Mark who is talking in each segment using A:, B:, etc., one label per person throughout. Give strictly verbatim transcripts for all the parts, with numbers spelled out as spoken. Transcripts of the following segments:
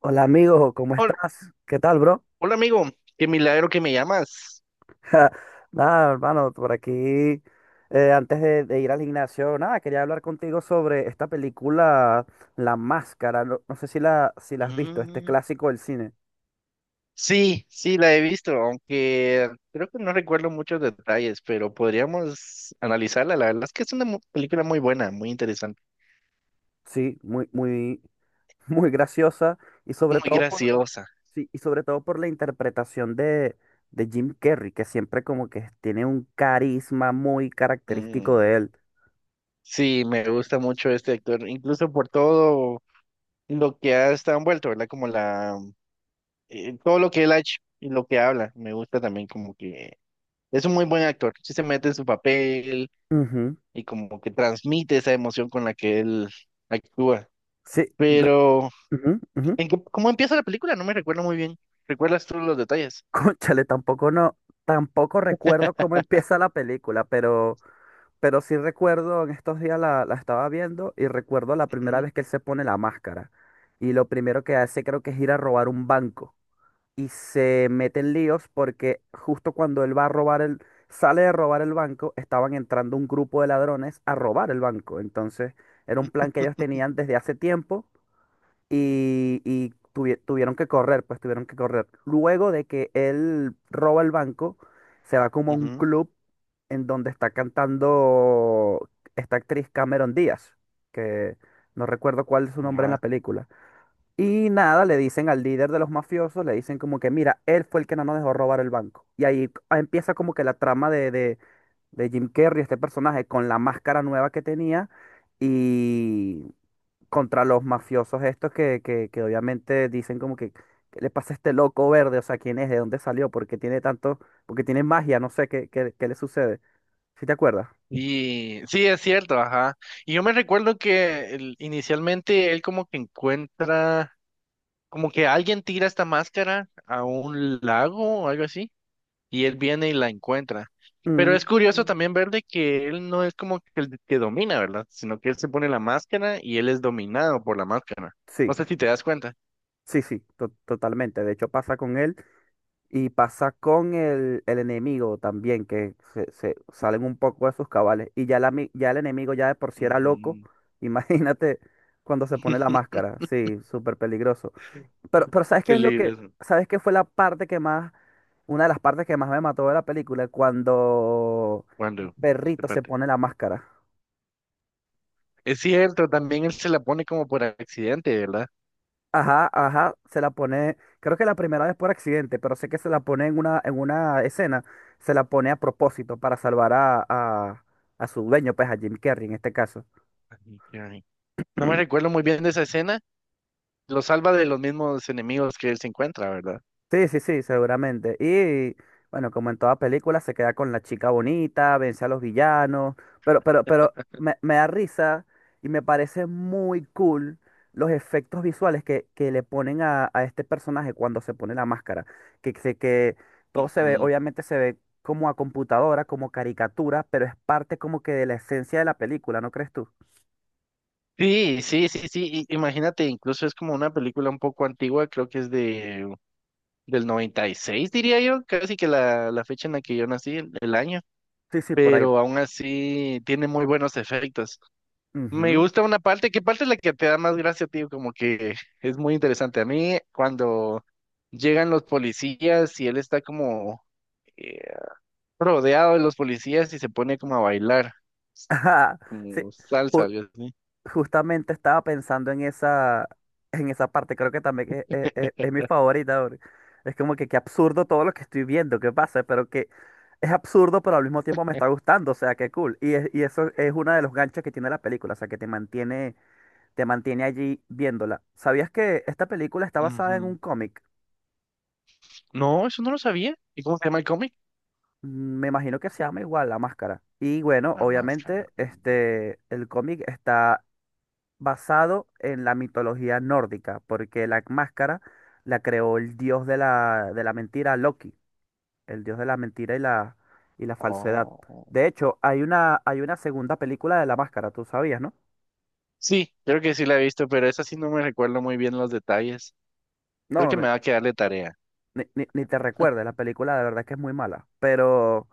A: Hola amigo, ¿cómo
B: Hola,
A: estás? ¿Qué tal, bro?
B: hola, amigo, qué milagro que me llamas.
A: Nada, hermano, por aquí, eh, antes de, de ir al gimnasio, nada, quería hablar contigo sobre esta película La Máscara. No, no sé si la, si la has visto, este
B: Mm,
A: clásico del cine.
B: sí, sí, la he visto, aunque creo que no recuerdo muchos detalles, pero podríamos analizarla. La verdad es que es una mu- película muy buena, muy interesante,
A: Sí, muy, muy, muy graciosa y sobre
B: muy
A: todo por,
B: graciosa.
A: sí, y sobre todo por la interpretación de, de Jim Carrey, que siempre como que tiene un carisma muy característico
B: Mm,
A: de él.
B: sí, me gusta mucho este actor, incluso por todo lo que ha estado envuelto, ¿verdad? Como la, eh, todo lo que él ha hecho y lo que habla, me gusta también como que es un muy buen actor, sí se mete en su papel
A: Ujú.
B: y como que transmite esa emoción con la que él actúa.
A: Sí, re-
B: Pero,
A: ujú, ujú.
B: ¿en qué- cómo empieza la película? No me recuerdo muy bien. ¿Recuerdas tú los detalles?
A: Cónchale, tampoco no, tampoco recuerdo cómo empieza la película, pero, pero sí recuerdo, en estos días la, la estaba viendo y recuerdo la primera
B: Ujú,
A: vez que él se pone la máscara. Y lo primero que hace creo que es ir a robar un banco. Y se mete en líos porque justo cuando él va a robar el, sale de robar el banco, estaban entrando un grupo de ladrones a robar el banco. Entonces, era un plan que ellos tenían desde hace tiempo y, y tuvi- tuvieron que correr, pues tuvieron que correr. Luego de que él roba el banco, se va como a un club en donde está cantando esta actriz Cameron Díaz, que no recuerdo cuál es su
B: ujú,
A: nombre en la
B: ajá.
A: película. Y nada, le dicen al líder de los mafiosos, le dicen como que, mira, él fue el que no nos dejó robar el banco. Y ahí empieza como que la trama de, de de Jim Carrey, este personaje, con la máscara nueva que tenía. Y, contra los mafiosos estos que, que, que obviamente dicen como que, ¿qué le pasa a este loco verde? O sea, ¿quién es? ¿De dónde salió? ¿Por qué tiene tanto? ¿Porque tiene magia? No sé qué, qué, qué le sucede. ¿Sí te acuerdas?
B: Y sí, es cierto, ajá. Y yo me recuerdo que el- inicialmente él como que encuentra, como que alguien tira esta máscara a un lago o algo así, y él viene y la encuentra. Pero es
A: Mm,
B: curioso también ver de que él no es como que el que domina, ¿verdad? Sino que él se pone la máscara y él es dominado por la máscara.
A: sí,
B: No sé si te das cuenta.
A: sí, sí, to- totalmente. De hecho, pasa con él y pasa con el, el enemigo también, que se, se salen un poco de sus cabales. Y ya, la, mi- ya el enemigo ya de por sí era loco.
B: Ujú.
A: Imagínate cuando se pone la máscara. Sí, súper peligroso. Pero, pero ¿sabes qué
B: Qué
A: es lo
B: lindo
A: que,
B: eso.
A: sabes qué fue la parte que más, una de las partes que más me mató de la película? Cuando el
B: Cuando,
A: perrito se
B: Espérate.
A: pone la máscara.
B: Es cierto, también él se la pone como por accidente, ¿verdad?
A: Ajá, ajá, se la pone, creo que la primera vez por accidente, pero sé que se la pone en una, en una escena, se la pone a propósito para salvar a, a, a su dueño, pues a Jim Carrey en este caso.
B: Ay, qué ay. No me recuerdo muy bien de esa escena. Lo salva de los mismos enemigos que él se encuentra, ¿verdad?
A: Sí, sí, sí, seguramente. Y bueno, como en toda película, se queda con la chica bonita, vence a los villanos, pero, pero, pero me, me da risa y me parece muy cool los efectos visuales que, que le ponen a, a este personaje cuando se pone la máscara. Que, se- que todo se ve,
B: Ujú.
A: obviamente se ve como a computadora, como caricatura, pero es parte como que de la esencia de la película, ¿no crees tú?
B: Sí, sí, sí, sí. i- Imagínate, incluso es como una película un poco antigua, creo que es de del noventa y seis diría yo, casi que la, la fecha en la que yo nací, el, el año,
A: Sí, sí, por ahí.
B: pero aún así tiene muy buenos efectos. Me
A: Ujú.
B: gusta una parte, ¿qué parte es la que te da más gracia, tío? Como que es muy interesante. A mí, cuando llegan los policías y él está como eh, rodeado de los policías y se pone como a bailar,
A: Ajá. Sí,
B: como salsa,
A: ju-
B: algo así.
A: justamente estaba pensando en esa, en esa parte, creo que también es, es- es- es mi favorita, bro. Es como que qué absurdo todo lo que estoy viendo, qué pasa, pero que es absurdo, pero al mismo tiempo me está gustando, o sea, qué cool. Y, es- y eso es uno de los ganchos que tiene la película, o sea, que te mantiene, te mantiene allí viéndola. ¿Sabías que esta película está basada en un
B: Ujú.
A: cómic?
B: No, eso no lo sabía. ¿Y cómo se llama el cómic?
A: Mm, me imagino que se llama igual La Máscara. Y bueno,
B: La máscara.
A: obviamente,
B: Ujú.
A: este, el cómic está basado en la mitología nórdica, porque la máscara la creó el dios de la, de la mentira, Loki, el dios de la mentira y la, y la falsedad.
B: Oh.
A: De hecho, hay una, hay una segunda película de la máscara, tú sabías, ¿no?
B: Sí, creo que sí la he visto, pero esa sí no me recuerdo muy bien los detalles. Creo
A: No,
B: que
A: ni,
B: me va a quedar de tarea.
A: ni- ni te recuerdes, la película de verdad es que es muy mala, pero,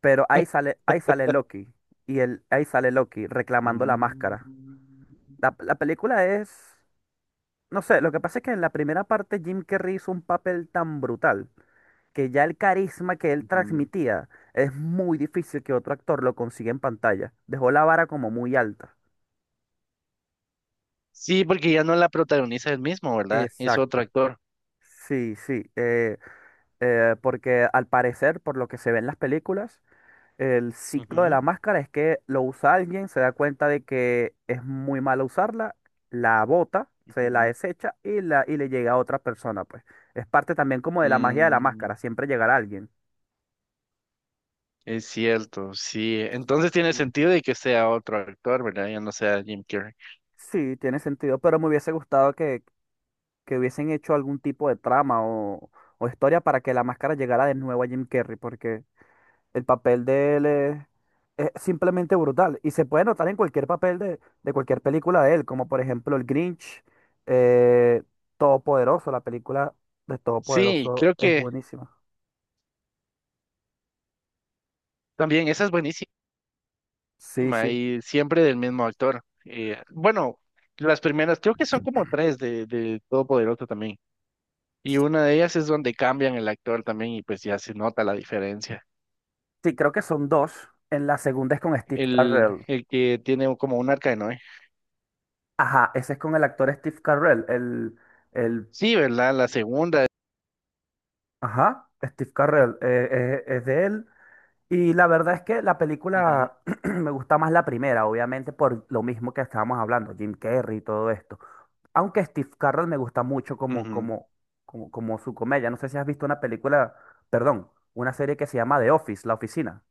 A: pero ahí sale, ahí sale Loki, y el, ahí sale Loki reclamando la
B: Mm,
A: máscara. La, la película es, no sé, lo que pasa es que en la primera parte Jim Carrey hizo un papel tan brutal que ya el carisma que él
B: ujú.
A: transmitía es muy difícil que otro actor lo consiga en pantalla. Dejó la vara como muy alta.
B: Sí, porque ya no la protagoniza él mismo, ¿verdad? Es otro
A: Exacto.
B: actor.
A: Sí, sí. Eh, eh, porque al parecer, por lo que se ve en las películas, el ciclo de
B: Ujú,
A: la máscara es que lo usa alguien, se da cuenta de que es muy malo usarla, la bota, se la
B: ujú.
A: desecha y, la, y le llega a otra persona, pues. Es parte también como de la magia de la
B: Mm,
A: máscara, siempre llegar a alguien.
B: es cierto, sí. Entonces tiene
A: Mm.
B: sentido de que sea otro actor, ¿verdad? Ya no sea Jim Carrey.
A: Sí, tiene sentido, pero me hubiese gustado que, que hubiesen hecho algún tipo de trama o, o historia para que la máscara llegara de nuevo a Jim Carrey, porque el papel de él es, es simplemente brutal y se puede notar en cualquier papel de, de cualquier película de él, como por ejemplo el Grinch, eh, Todopoderoso, la película de
B: Sí,
A: Todopoderoso
B: creo
A: es
B: que
A: buenísima.
B: también esa es buenísima
A: Sí, sí.
B: y siempre del mismo actor. Eh, bueno, las primeras, creo que son como tres de, de Todopoderoso también. Y una de ellas es donde cambian el actor también y pues ya se nota la diferencia.
A: Sí, creo que son dos. En la segunda es con Steve
B: El,
A: Carell.
B: el que tiene como un arca de Noé.
A: Ajá, ese es con el actor Steve Carell, el, el,
B: Sí, ¿verdad? La segunda.
A: ajá, Steve Carell, eh, eh, es de él. Y la verdad es que la
B: Ujú,
A: película me gusta más la primera, obviamente por lo mismo que estábamos hablando, Jim Carrey y todo esto. Aunque Steve Carell me gusta mucho como,
B: ujú,
A: como, como, como su comedia. No sé si has visto una película, perdón, una serie que se llama The Office, La Oficina.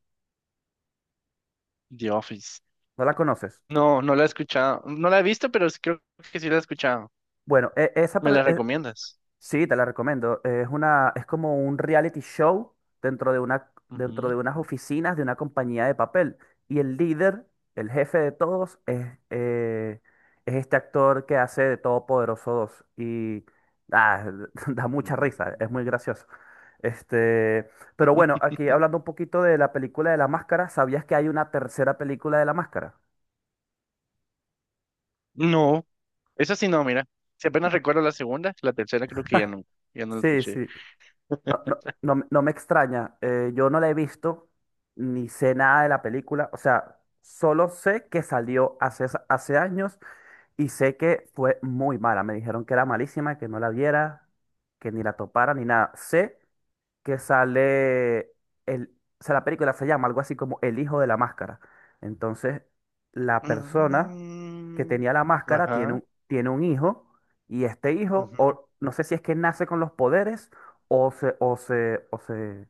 B: The Office.
A: ¿No la conoces?
B: No, no la he escuchado. No la he visto, pero sí creo que sí la he escuchado.
A: Bueno, e- esa,
B: ¿Me
A: pre-
B: la
A: e-
B: recomiendas?
A: sí, te la recomiendo. Es una, es como un reality show dentro de una, dentro de
B: Ujú.
A: unas oficinas de una compañía de papel. Y el líder, el jefe de todos, es, eh, es este actor que hace de Todopoderoso dos. Y ah, da mucha risa,
B: Mm.
A: es muy gracioso. Este, pero bueno, aquí hablando un poquito de la película de la máscara, ¿sabías que hay una tercera película de la máscara?
B: No, esa sí no, mira. Si apenas recuerdo la segunda, la tercera creo que ya no, ya no la
A: Sí,
B: escuché.
A: sí. No, no, no me no me extraña. Eh, yo no la he visto ni sé nada de la película. O sea, solo sé que salió hace, es- hace años y sé que fue muy mala. Me dijeron que era malísima, que no la viera, que ni la topara, ni nada. Sé que sale el, o sea, la película se llama algo así como El hijo de la máscara. Entonces, la persona que
B: Mm,
A: tenía la máscara tiene
B: ajá,
A: un, tiene un hijo y este hijo,
B: ujú.
A: o no sé si es que nace con los poderes o se, o se, o se,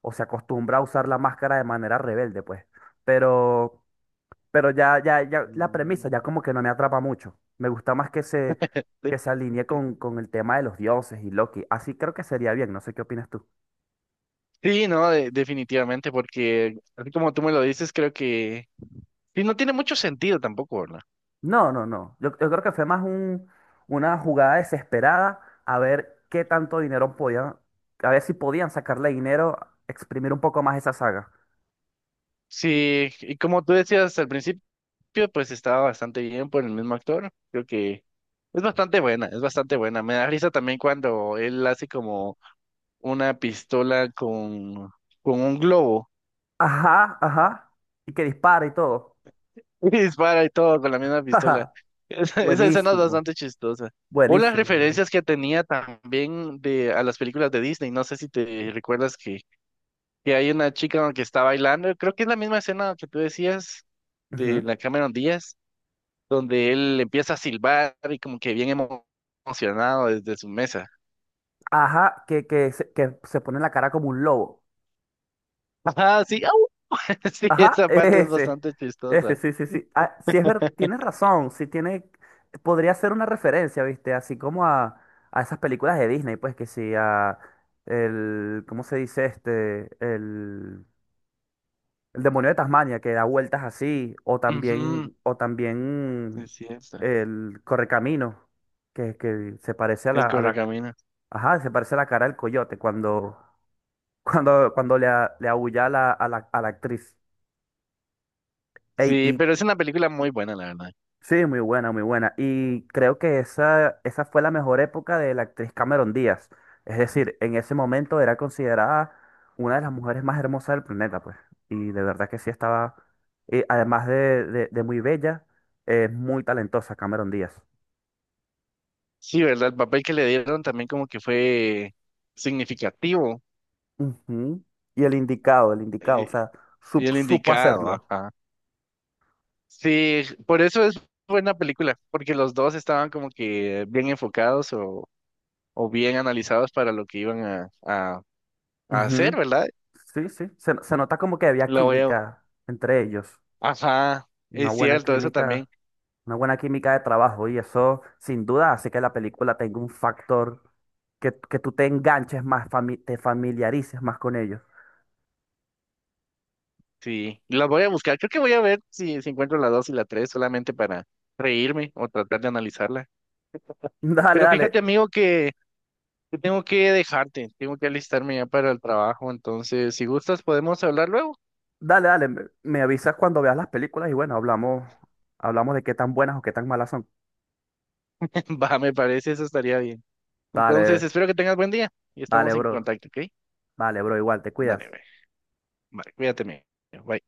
A: o se acostumbra a usar la máscara de manera rebelde, pues. Pero, pero ya, ya, ya la premisa
B: Mm.
A: ya como que no me atrapa mucho. Me gusta más que se, que se alinee con, con el tema de los dioses y Loki. Así creo que sería bien, no sé qué opinas tú.
B: Sí, no, de- definitivamente, porque así como tú me lo dices, creo que sí, no tiene mucho sentido tampoco, ¿verdad?
A: No, no, no. Yo, yo creo que fue más un, una jugada desesperada a ver qué tanto dinero podían, a ver si podían sacarle dinero, exprimir un poco más esa saga.
B: Sí, y como tú decías al principio, pues estaba bastante bien por el mismo actor, creo que es bastante buena, es bastante buena. Me da risa también cuando él hace como una pistola con, con un globo,
A: Ajá, ajá. Y que dispara y todo.
B: y dispara y todo con la misma pistola.
A: Ajá.
B: Esa, esa escena es
A: Buenísimo,
B: bastante chistosa. O las
A: buenísimo, buenísimo.
B: referencias que tenía también de a las películas de Disney, no sé si te recuerdas que que hay una chica que está bailando, creo que es la misma escena que tú decías de
A: Ujú.
B: la Cameron Díaz, donde él empieza a silbar y como que bien emo- emocionado desde su mesa.
A: Ajá, que, que, se, que se pone la cara como un lobo.
B: Ajá, sí, au. Sí,
A: Ajá,
B: esa parte es
A: ese,
B: bastante
A: ese,
B: chistosa.
A: sí, sí, sí. Ah, sí es ver, tienes razón, sí tiene, podría ser una referencia, ¿viste? Así como a, a esas películas de Disney, pues que sí, a el, ¿cómo se dice este? El, el demonio de Tasmania, que da vueltas así, o
B: Ujú,
A: también, o también
B: es cierto.
A: el Correcamino, que, que se parece a la,
B: El
A: a la,
B: Correcaminos.
A: ajá, se parece a la cara del coyote cuando, cuando, cuando le, a- le aúlla a la, a la, a la actriz. Ey,
B: Sí, pero es una película muy buena, la verdad.
A: sí, muy buena, muy buena. Y creo que esa, esa fue la mejor época de la actriz Cameron Díaz. Es decir, en ese momento era considerada una de las mujeres más hermosas del planeta, pues. Y de verdad que sí estaba, y además de, de- de muy bella, es muy talentosa Cameron Díaz.
B: Sí, ¿verdad? El papel que le dieron también como que fue significativo
A: Ujú. Y el indicado, el indicado, o
B: eh,
A: sea,
B: y
A: sup-
B: el
A: supo
B: indicado,
A: hacerlo.
B: ajá. Sí, por eso es buena película, porque los dos estaban como que bien enfocados o, o bien analizados para lo que iban a, a, a hacer,
A: Ujú.
B: ¿verdad?
A: Sí, sí, se, se nota como que había
B: Lo a,
A: química entre ellos,
B: Ajá,
A: una
B: es
A: buena
B: cierto, eso
A: química,
B: también.
A: una buena química de trabajo y eso sin duda hace que la película tenga un factor que, que tú te enganches más, fami- te familiarices más con ellos.
B: Sí, la voy a buscar. Creo que voy a ver si, si encuentro la dos y la tres solamente para reírme o tratar de analizarla.
A: Dale,
B: Pero fíjate,
A: dale,
B: amigo, que, que tengo que dejarte, tengo que alistarme ya para el trabajo, entonces si gustas podemos hablar luego.
A: dale, dale, me, me avisas cuando veas las películas y bueno, hablamos, hablamos de qué tan buenas o qué tan malas son.
B: Va, me parece, eso estaría bien. Entonces,
A: Dale,
B: espero que tengas buen día y
A: dale,
B: estamos en
A: bro,
B: contacto, ¿ok?
A: dale, bro, igual, te
B: Dale,
A: cuidas.
B: güey. Vale, cuídate, mi- Bye.